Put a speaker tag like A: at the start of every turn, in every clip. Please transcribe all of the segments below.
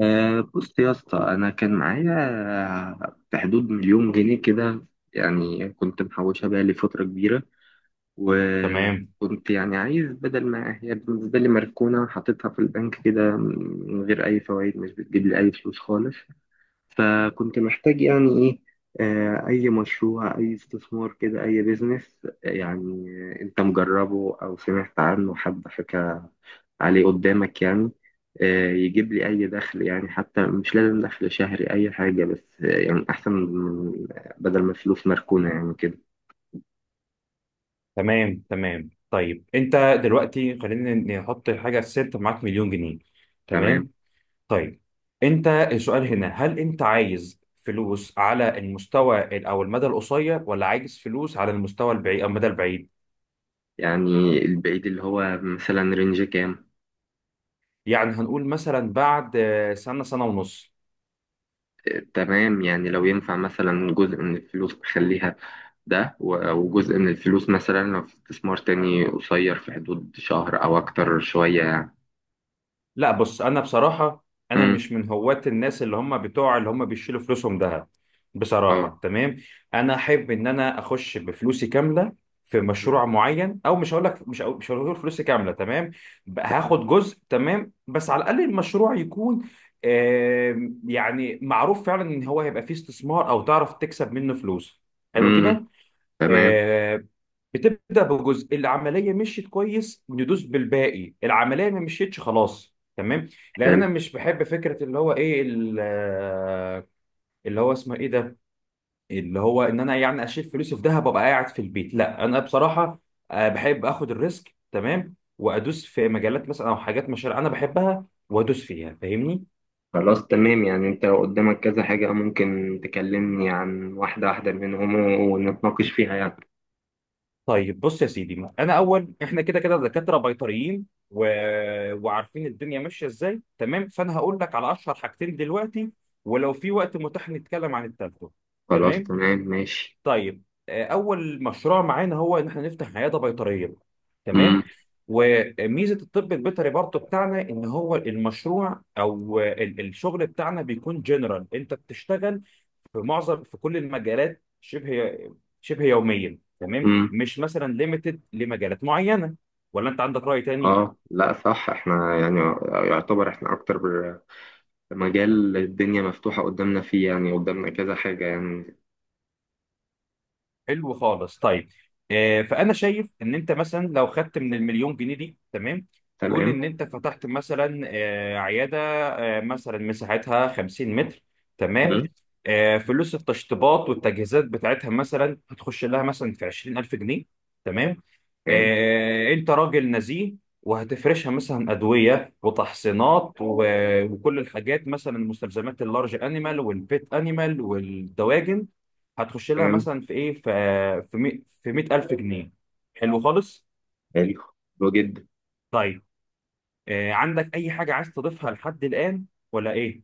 A: بص يا اسطى، انا كان معايا في حدود مليون جنيه كده. يعني كنت محوشها بقى لي فتره كبيره.
B: تمام،
A: وكنت يعني عايز، بدل ما هي بالنسبه لي مركونه، حطيتها في البنك كده من غير اي فوائد، مش بتجيب لي اي فلوس خالص. فكنت محتاج يعني ايه، اي مشروع اي استثمار كده اي بيزنس يعني. انت مجربه او سمعت عنه حد حكى عليه قدامك يعني؟ يجيب لي اي دخل يعني، حتى مش لازم دخل شهري اي حاجة، بس يعني احسن من، بدل ما الفلوس مركونة يعني كده.
B: تمام، تمام. طيب انت دلوقتي، خلينا نحط حاجه ست معاك مليون جنيه.
A: تمام.
B: تمام. طيب انت، السؤال هنا: هل انت عايز فلوس على المستوى او المدى القصير، ولا عايز فلوس على المستوى البعيد او المدى البعيد؟
A: يعني البعيد اللي هو مثلا رينج كام؟
B: يعني هنقول مثلا بعد سنه، سنه ونص.
A: تمام، يعني لو ينفع مثلا جزء من الفلوس بخليها ده وجزء من الفلوس مثلا لو في استثمار تاني قصير في حدود شهر أو أكتر شوية يعني.
B: لا، بص انا بصراحه انا
A: مم.
B: مش من هواة الناس اللي هم بتوع اللي هم بيشيلوا فلوسهم ذهب، بصراحه.
A: اه.
B: تمام. انا احب ان انا اخش بفلوسي كامله في
A: مم.
B: مشروع معين، او مش هقول لك مش هقول فلوسي كامله، تمام، بقى هاخد جزء. تمام، بس على الاقل المشروع يكون يعني معروف فعلا ان هو هيبقى فيه استثمار، او تعرف تكسب منه فلوس، حلو
A: مم.
B: كده.
A: تمام.
B: آه، بتبدا بجزء، العمليه مشيت كويس ندوس بالباقي، العمليه ما مشيتش خلاص. تمام. لان
A: حلو.
B: انا مش بحب فكره اللي هو ايه اللي هو اسمه ايه ده، اللي هو ان انا يعني اشيل فلوسي في دهب وابقى قاعد في البيت. لا، انا بصراحه بحب اخد الريسك، تمام، وادوس في مجالات مثلا، او حاجات مشاريع انا بحبها وادوس فيها، فاهمني؟
A: خلاص تمام، يعني انت قدامك كذا حاجة، ممكن تكلمني عن واحدة واحدة منهم ونتناقش فيها يعني.
B: طيب بص يا سيدي، ما انا اول، احنا كده كده دكاتره بيطريين و... وعارفين الدنيا ماشيه ازاي. تمام، فانا هقول لك على اشهر حاجتين دلوقتي، ولو في وقت متاح نتكلم عن التالتة.
A: خلاص
B: تمام.
A: تمام ماشي.
B: طيب، اول مشروع معانا هو ان احنا نفتح عياده بيطريه.
A: مم.
B: تمام. وميزه الطب البيطري برضه بتاعنا ان هو المشروع او الشغل بتاعنا بيكون جنرال، انت بتشتغل في كل المجالات شبه يوميا. تمام،
A: مم.
B: مش مثلا ليميتد لمجالات معينه، ولا انت عندك راي تاني؟
A: اه، لا صح، احنا يعني يعتبر احنا اكتر مجال الدنيا مفتوحة قدامنا فيه، يعني قدامنا كذا حاجة يعني.
B: حلو خالص. طيب، فانا شايف ان انت مثلا لو خدت من المليون جنيه دي. تمام، قول
A: تمام.
B: ان انت فتحت مثلا عياده، مثلا مساحتها 50 متر. تمام،
A: مم.
B: فلوس التشطيبات والتجهيزات بتاعتها مثلا هتخش لها مثلا في 20,000 جنيه. تمام.
A: تمام.
B: انت راجل نزيه، وهتفرشها مثلا ادويه وتحصينات وكل الحاجات، مثلا مستلزمات اللارج انيمال والبيت انيمال والدواجن، هتخش لها
A: تمام.
B: مثلا في ايه، في 100,000 جنيه. حلو خالص.
A: حلو. حلو جدا.
B: طيب، عندك اي حاجه عايز تضيفها لحد الان ولا ايه؟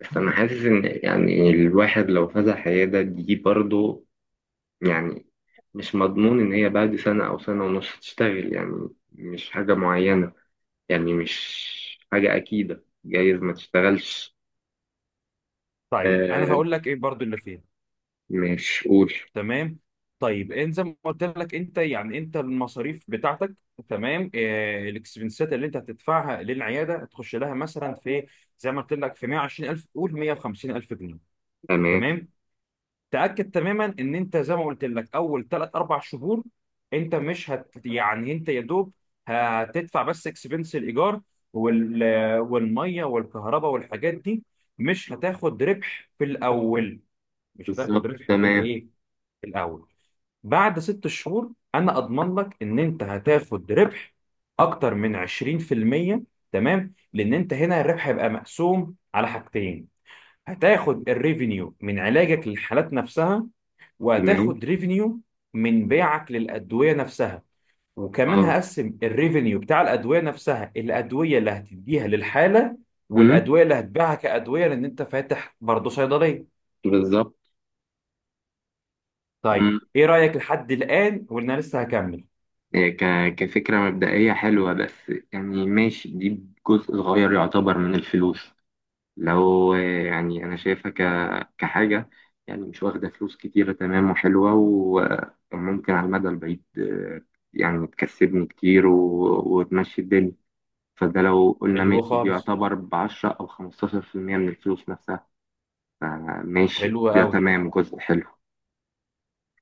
A: بس أنا حاسس إن، يعني، الواحد لو فتح عيادة دي برضه، يعني مش مضمون إن هي بعد سنة أو سنة ونص تشتغل، يعني مش حاجة معينة، يعني مش حاجة أكيدة، جايز ما تشتغلش.
B: طيب انا
A: آه،
B: هقول لك ايه برضو اللي فيها.
A: مش قول.
B: تمام. طيب، انت زي ما قلت لك، انت يعني انت المصاريف بتاعتك، تمام، الاكسبنسات اللي انت هتدفعها للعياده هتخش لها مثلا في إيه؟ زي ما قلت لك في 120,000، قول 150,000 جنيه.
A: تمام.
B: تمام. تاكد تماما ان انت زي ما قلت لك، اول ثلاث اربع شهور انت مش هت يعني انت يا دوب هتدفع بس اكسبنس الايجار وال... والميه والكهرباء والحاجات دي. مش هتاخد ربح في الاول، مش هتاخد
A: بالظبط.
B: ربح في
A: تمام.
B: الايه، في الاول. بعد 6 شهور انا اضمن لك ان انت هتاخد ربح اكتر من 20%. تمام، لان انت هنا الربح هيبقى مقسوم على حاجتين: هتاخد الريفينيو من علاجك للحالات نفسها،
A: تمام.
B: وهتاخد ريفينيو من بيعك للأدوية نفسها. وكمان
A: اه.
B: هقسم الريفينيو بتاع الأدوية نفسها، الأدوية اللي هتديها للحالة،
A: أمم،
B: والأدوية اللي هتبيعها كأدوية، لأن أنت فاتح برضه صيدلية.
A: بالظبط.
B: طيب إيه رأيك لحد الآن، وإن أنا لسه هكمل؟
A: هي كفكرة مبدئية حلوة، بس يعني ماشي، دي جزء صغير يعتبر من الفلوس، لو يعني أنا شايفها كحاجة يعني مش واخدة فلوس كتيرة، تمام وحلوة وممكن على المدى البعيد، يعني تكسبني كتير وتمشي الدنيا. فده لو قلنا
B: حلو
A: ماشي، دي
B: خالص.
A: يعتبر ب10 أو 15% من الفلوس نفسها. فماشي
B: حلو
A: ده
B: قوي.
A: تمام، جزء حلو.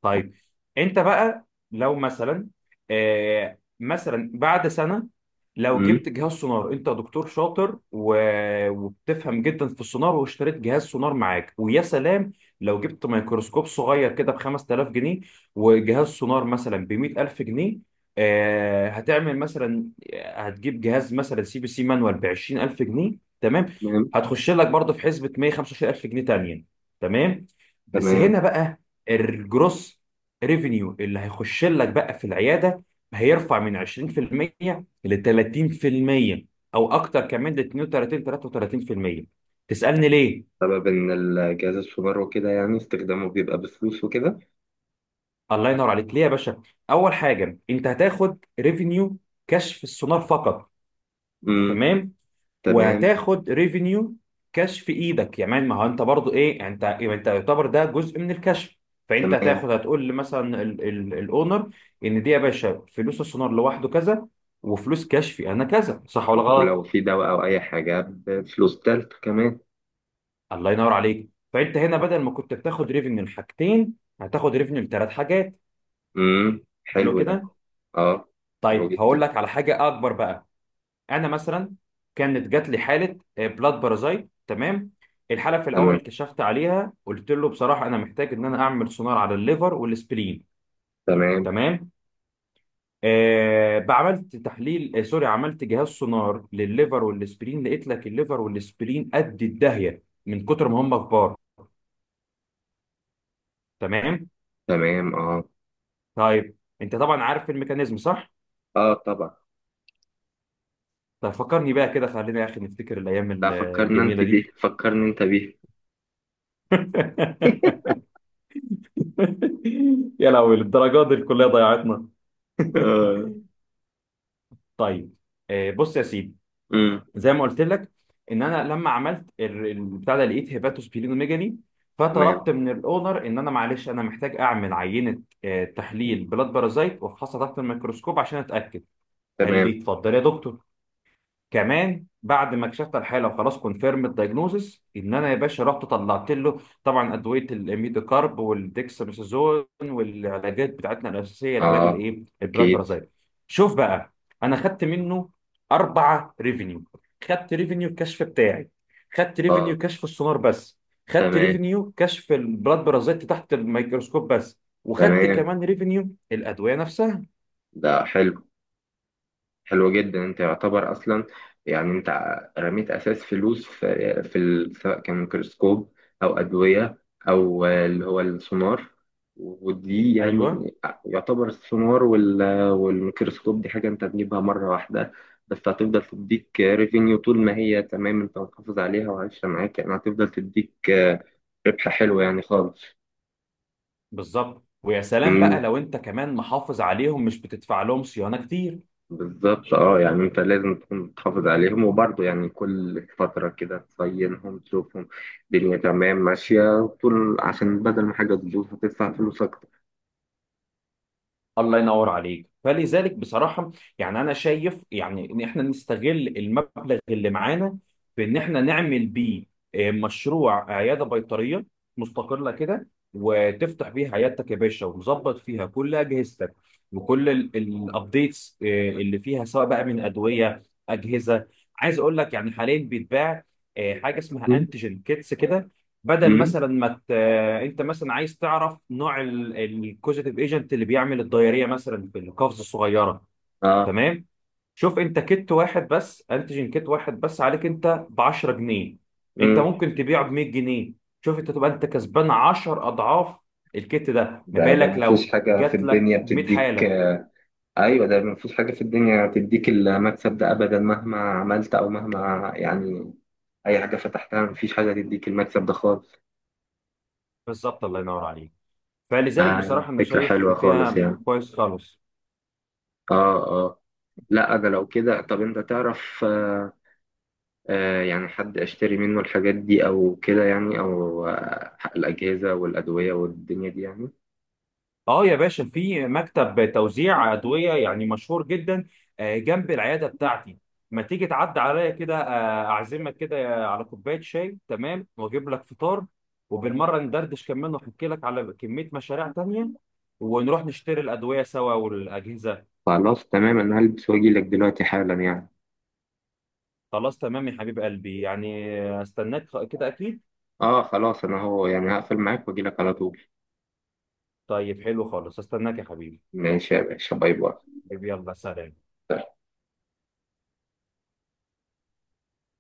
B: طيب انت بقى لو مثلا، مثلا بعد سنه، لو
A: مم.
B: جبت جهاز سونار، انت دكتور شاطر وبتفهم جدا في السونار، واشتريت جهاز سونار معاك، ويا سلام. لو جبت ميكروسكوب صغير كده ب 5,000 جنيه، وجهاز سونار مثلا ب 100,000 جنيه، هتعمل مثلا، هتجيب جهاز مثلا سي بي سي مانوال ب 20,000 جنيه. تمام،
A: تمام.
B: هتخش لك برضه في حسبه 125,000 جنيه تانية. تمام. بس
A: تمام.
B: هنا بقى، الجروس ريفينيو اللي هيخش لك بقى في العياده هيرفع من 20% ل 30%، او اكتر كمان ل 32، 33%. تسالني ليه؟
A: بسبب إن الجهاز السولار وكده يعني استخدامه بيبقى بفلوس وكده.
B: الله ينور عليك. ليه يا باشا؟ اول حاجه، انت هتاخد ريفينيو كشف السونار فقط.
A: امم
B: تمام.
A: تمام.
B: وهتاخد ريفينيو كاش في ايدك، يعني ما هو انت برضو ايه، انت يعتبر ده جزء من الكشف. فانت
A: تمام.
B: هتاخد، هتقول مثلا الاونر ان دي يا باشا فلوس السونار لوحده كذا، وفلوس كشفي انا كذا، صح ولا
A: ولو
B: غلط؟
A: في دواء أو أي حاجة بفلوس تالت كمان.
B: الله ينور عليك، فانت هنا بدل ما كنت بتاخد ريفينيو لحاجتين، هتاخد ريفينيو لثلاث حاجات. حلو
A: حلو ده.
B: كده.
A: اه. حلو
B: طيب،
A: جدا.
B: هقول لك على حاجه اكبر بقى. انا مثلا، كانت جات لي حاله بلاد بارازايت. تمام. الحاله في
A: تمام.
B: الاول كشفت عليها، قلت له بصراحه انا محتاج ان انا اعمل سونار على الليفر والسبلين.
A: تمام.
B: تمام. آه بعملت تحليل آه سوري، عملت جهاز سونار للليفر والسبلين، لقيت لك الليفر والسبلين قد الداهيه من كتر ما هم كبار. تمام.
A: تمام. اه.
B: طيب انت طبعا عارف الميكانيزم، صح؟
A: اه طبعا.
B: طيب فكرني بقى كده، خلينا يا اخي نفتكر
A: لا،
B: الايام
A: فكرنا انت
B: الجميله
A: بيه،
B: دي.
A: فكرني انت بيه.
B: يا لهوي، للدرجات دي الكليه ضيعتنا!
A: اه.
B: طيب، بص يا سيدي،
A: امم
B: زي ما قلت لك ان انا لما عملت البتاع ده، لقيت هيباتوس بيلينوميجالي.
A: تمام.
B: فطلبت من الاونر ان انا، معلش، انا محتاج اعمل عينه، تحليل بلاد بارازايت، وافحصها تحت الميكروسكوب عشان اتاكد. قال
A: تمام.
B: لي اتفضل يا دكتور. كمان بعد ما اكتشفت الحاله، وخلاص كونفيرم الدايجنوزس، ان انا يا باشا رحت طلعت له طبعا ادويه الميدوكارب والديكساميثازون والعلاجات بتاعتنا الاساسيه، العلاج
A: اه
B: الايه، البلاد
A: اكيد.
B: بارازايت. شوف بقى، انا خدت منه اربعه ريفينيو: خدت ريفينيو الكشف بتاعي، خدت
A: اه.
B: ريفينيو كشف السونار بس، خدت
A: تمام.
B: ريفينيو كشف البلاد بارازايت تحت الميكروسكوب بس، وخدت
A: تمام.
B: كمان ريفينيو الادويه نفسها.
A: ده حلو. حلوة جدا، انت يعتبر اصلا يعني انت رميت اساس فلوس سواء كان ميكروسكوب او ادوية او اللي هو السونار، ودي
B: ايوه،
A: يعني يعتبر السونار والميكروسكوب دي حاجة انت تجيبها مرة واحدة، بس هتفضل تديك ريفينيو طول ما هي تمام، انت محافظ عليها وعايشة معاك، يعني هتفضل تديك ربح حلو يعني خالص.
B: بالظبط، ويا سلام بقى لو انت كمان محافظ عليهم، مش بتدفع لهم صيانه كتير.
A: بالظبط. اه، يعني انت لازم تكون بتحافظ عليهم وبرضه يعني كل فترة كده تصينهم تشوفهم الدنيا تمام ماشية وطول، عشان بدل ما حاجة تبوظ هتدفع فلوس أكتر.
B: الله ينور عليك، فلذلك بصراحه يعني انا شايف يعني ان احنا نستغل المبلغ اللي معانا في ان احنا نعمل بيه مشروع عياده بيطريه مستقله كده، وتفتح بيها عيادتك يا باشا، ومظبط فيها كل اجهزتك وكل الابديتس اللي فيها، سواء بقى من ادويه، اجهزه. عايز اقول لك يعني حاليا بيتباع حاجه اسمها
A: مم.
B: انتيجين كيتس كده، بدل
A: مم.
B: مثلا ما ت... انت مثلا عايز تعرف نوع الكوزيتيف ايجنت اللي بيعمل الدايريه مثلا في القفز الصغيره.
A: اه.
B: تمام، شوف انت كت واحد بس، انتيجين كت واحد بس، عليك انت ب 10 جنيه، انت
A: مم.
B: ممكن تبيعه ب 100 جنيه. شوف انت تبقى انت كسبان 10 اضعاف الكت ده، ما
A: ده
B: بالك
A: مفيش
B: لو
A: حاجة في
B: جات
A: الدنيا
B: لك 100
A: بتديك
B: حاله!
A: آه. أيوة، ده مفيش حاجة في الدنيا بتديك المكسب ده أبدا مهما عملت أو مهما يعني، أي حاجة فتحتها، مفيش حاجة تديك المكسب ده خالص.
B: بالظبط، الله ينور عليك، فلذلك
A: ده
B: بصراحه انا
A: فكرة
B: شايف
A: حلوة خالص
B: فيها
A: يعني.
B: كويس خالص.
A: اه. اه. لا أنا لو كده، طب أنت تعرف يعني حد أشتري منه الحاجات دي أو كده يعني، أو الأجهزة والأدوية والدنيا دي يعني؟
B: اه يا باشا، في مكتب توزيع ادويه يعني مشهور جدا، جنب العياده بتاعتي. ما تيجي تعدي عليا كده، اعزمك كده على كوبايه شاي. تمام، واجيب لك فطار، وبالمره ندردش كمان واحكي لك على كميه مشاريع تانية، ونروح نشتري الادويه سوا والاجهزه.
A: خلاص تمام، أنا هلبس وأجيلك دلوقتي حالا يعني.
B: خلاص تمام يا حبيب قلبي، يعني استناك كده اكيد.
A: آه خلاص، أنا هو يعني هقفل معاك وأجيلك على طول.
B: طيب حلو خالص، استناك يا حبيبي.
A: ماشي يا باشا، باي باي.
B: طيب، يلا سلام.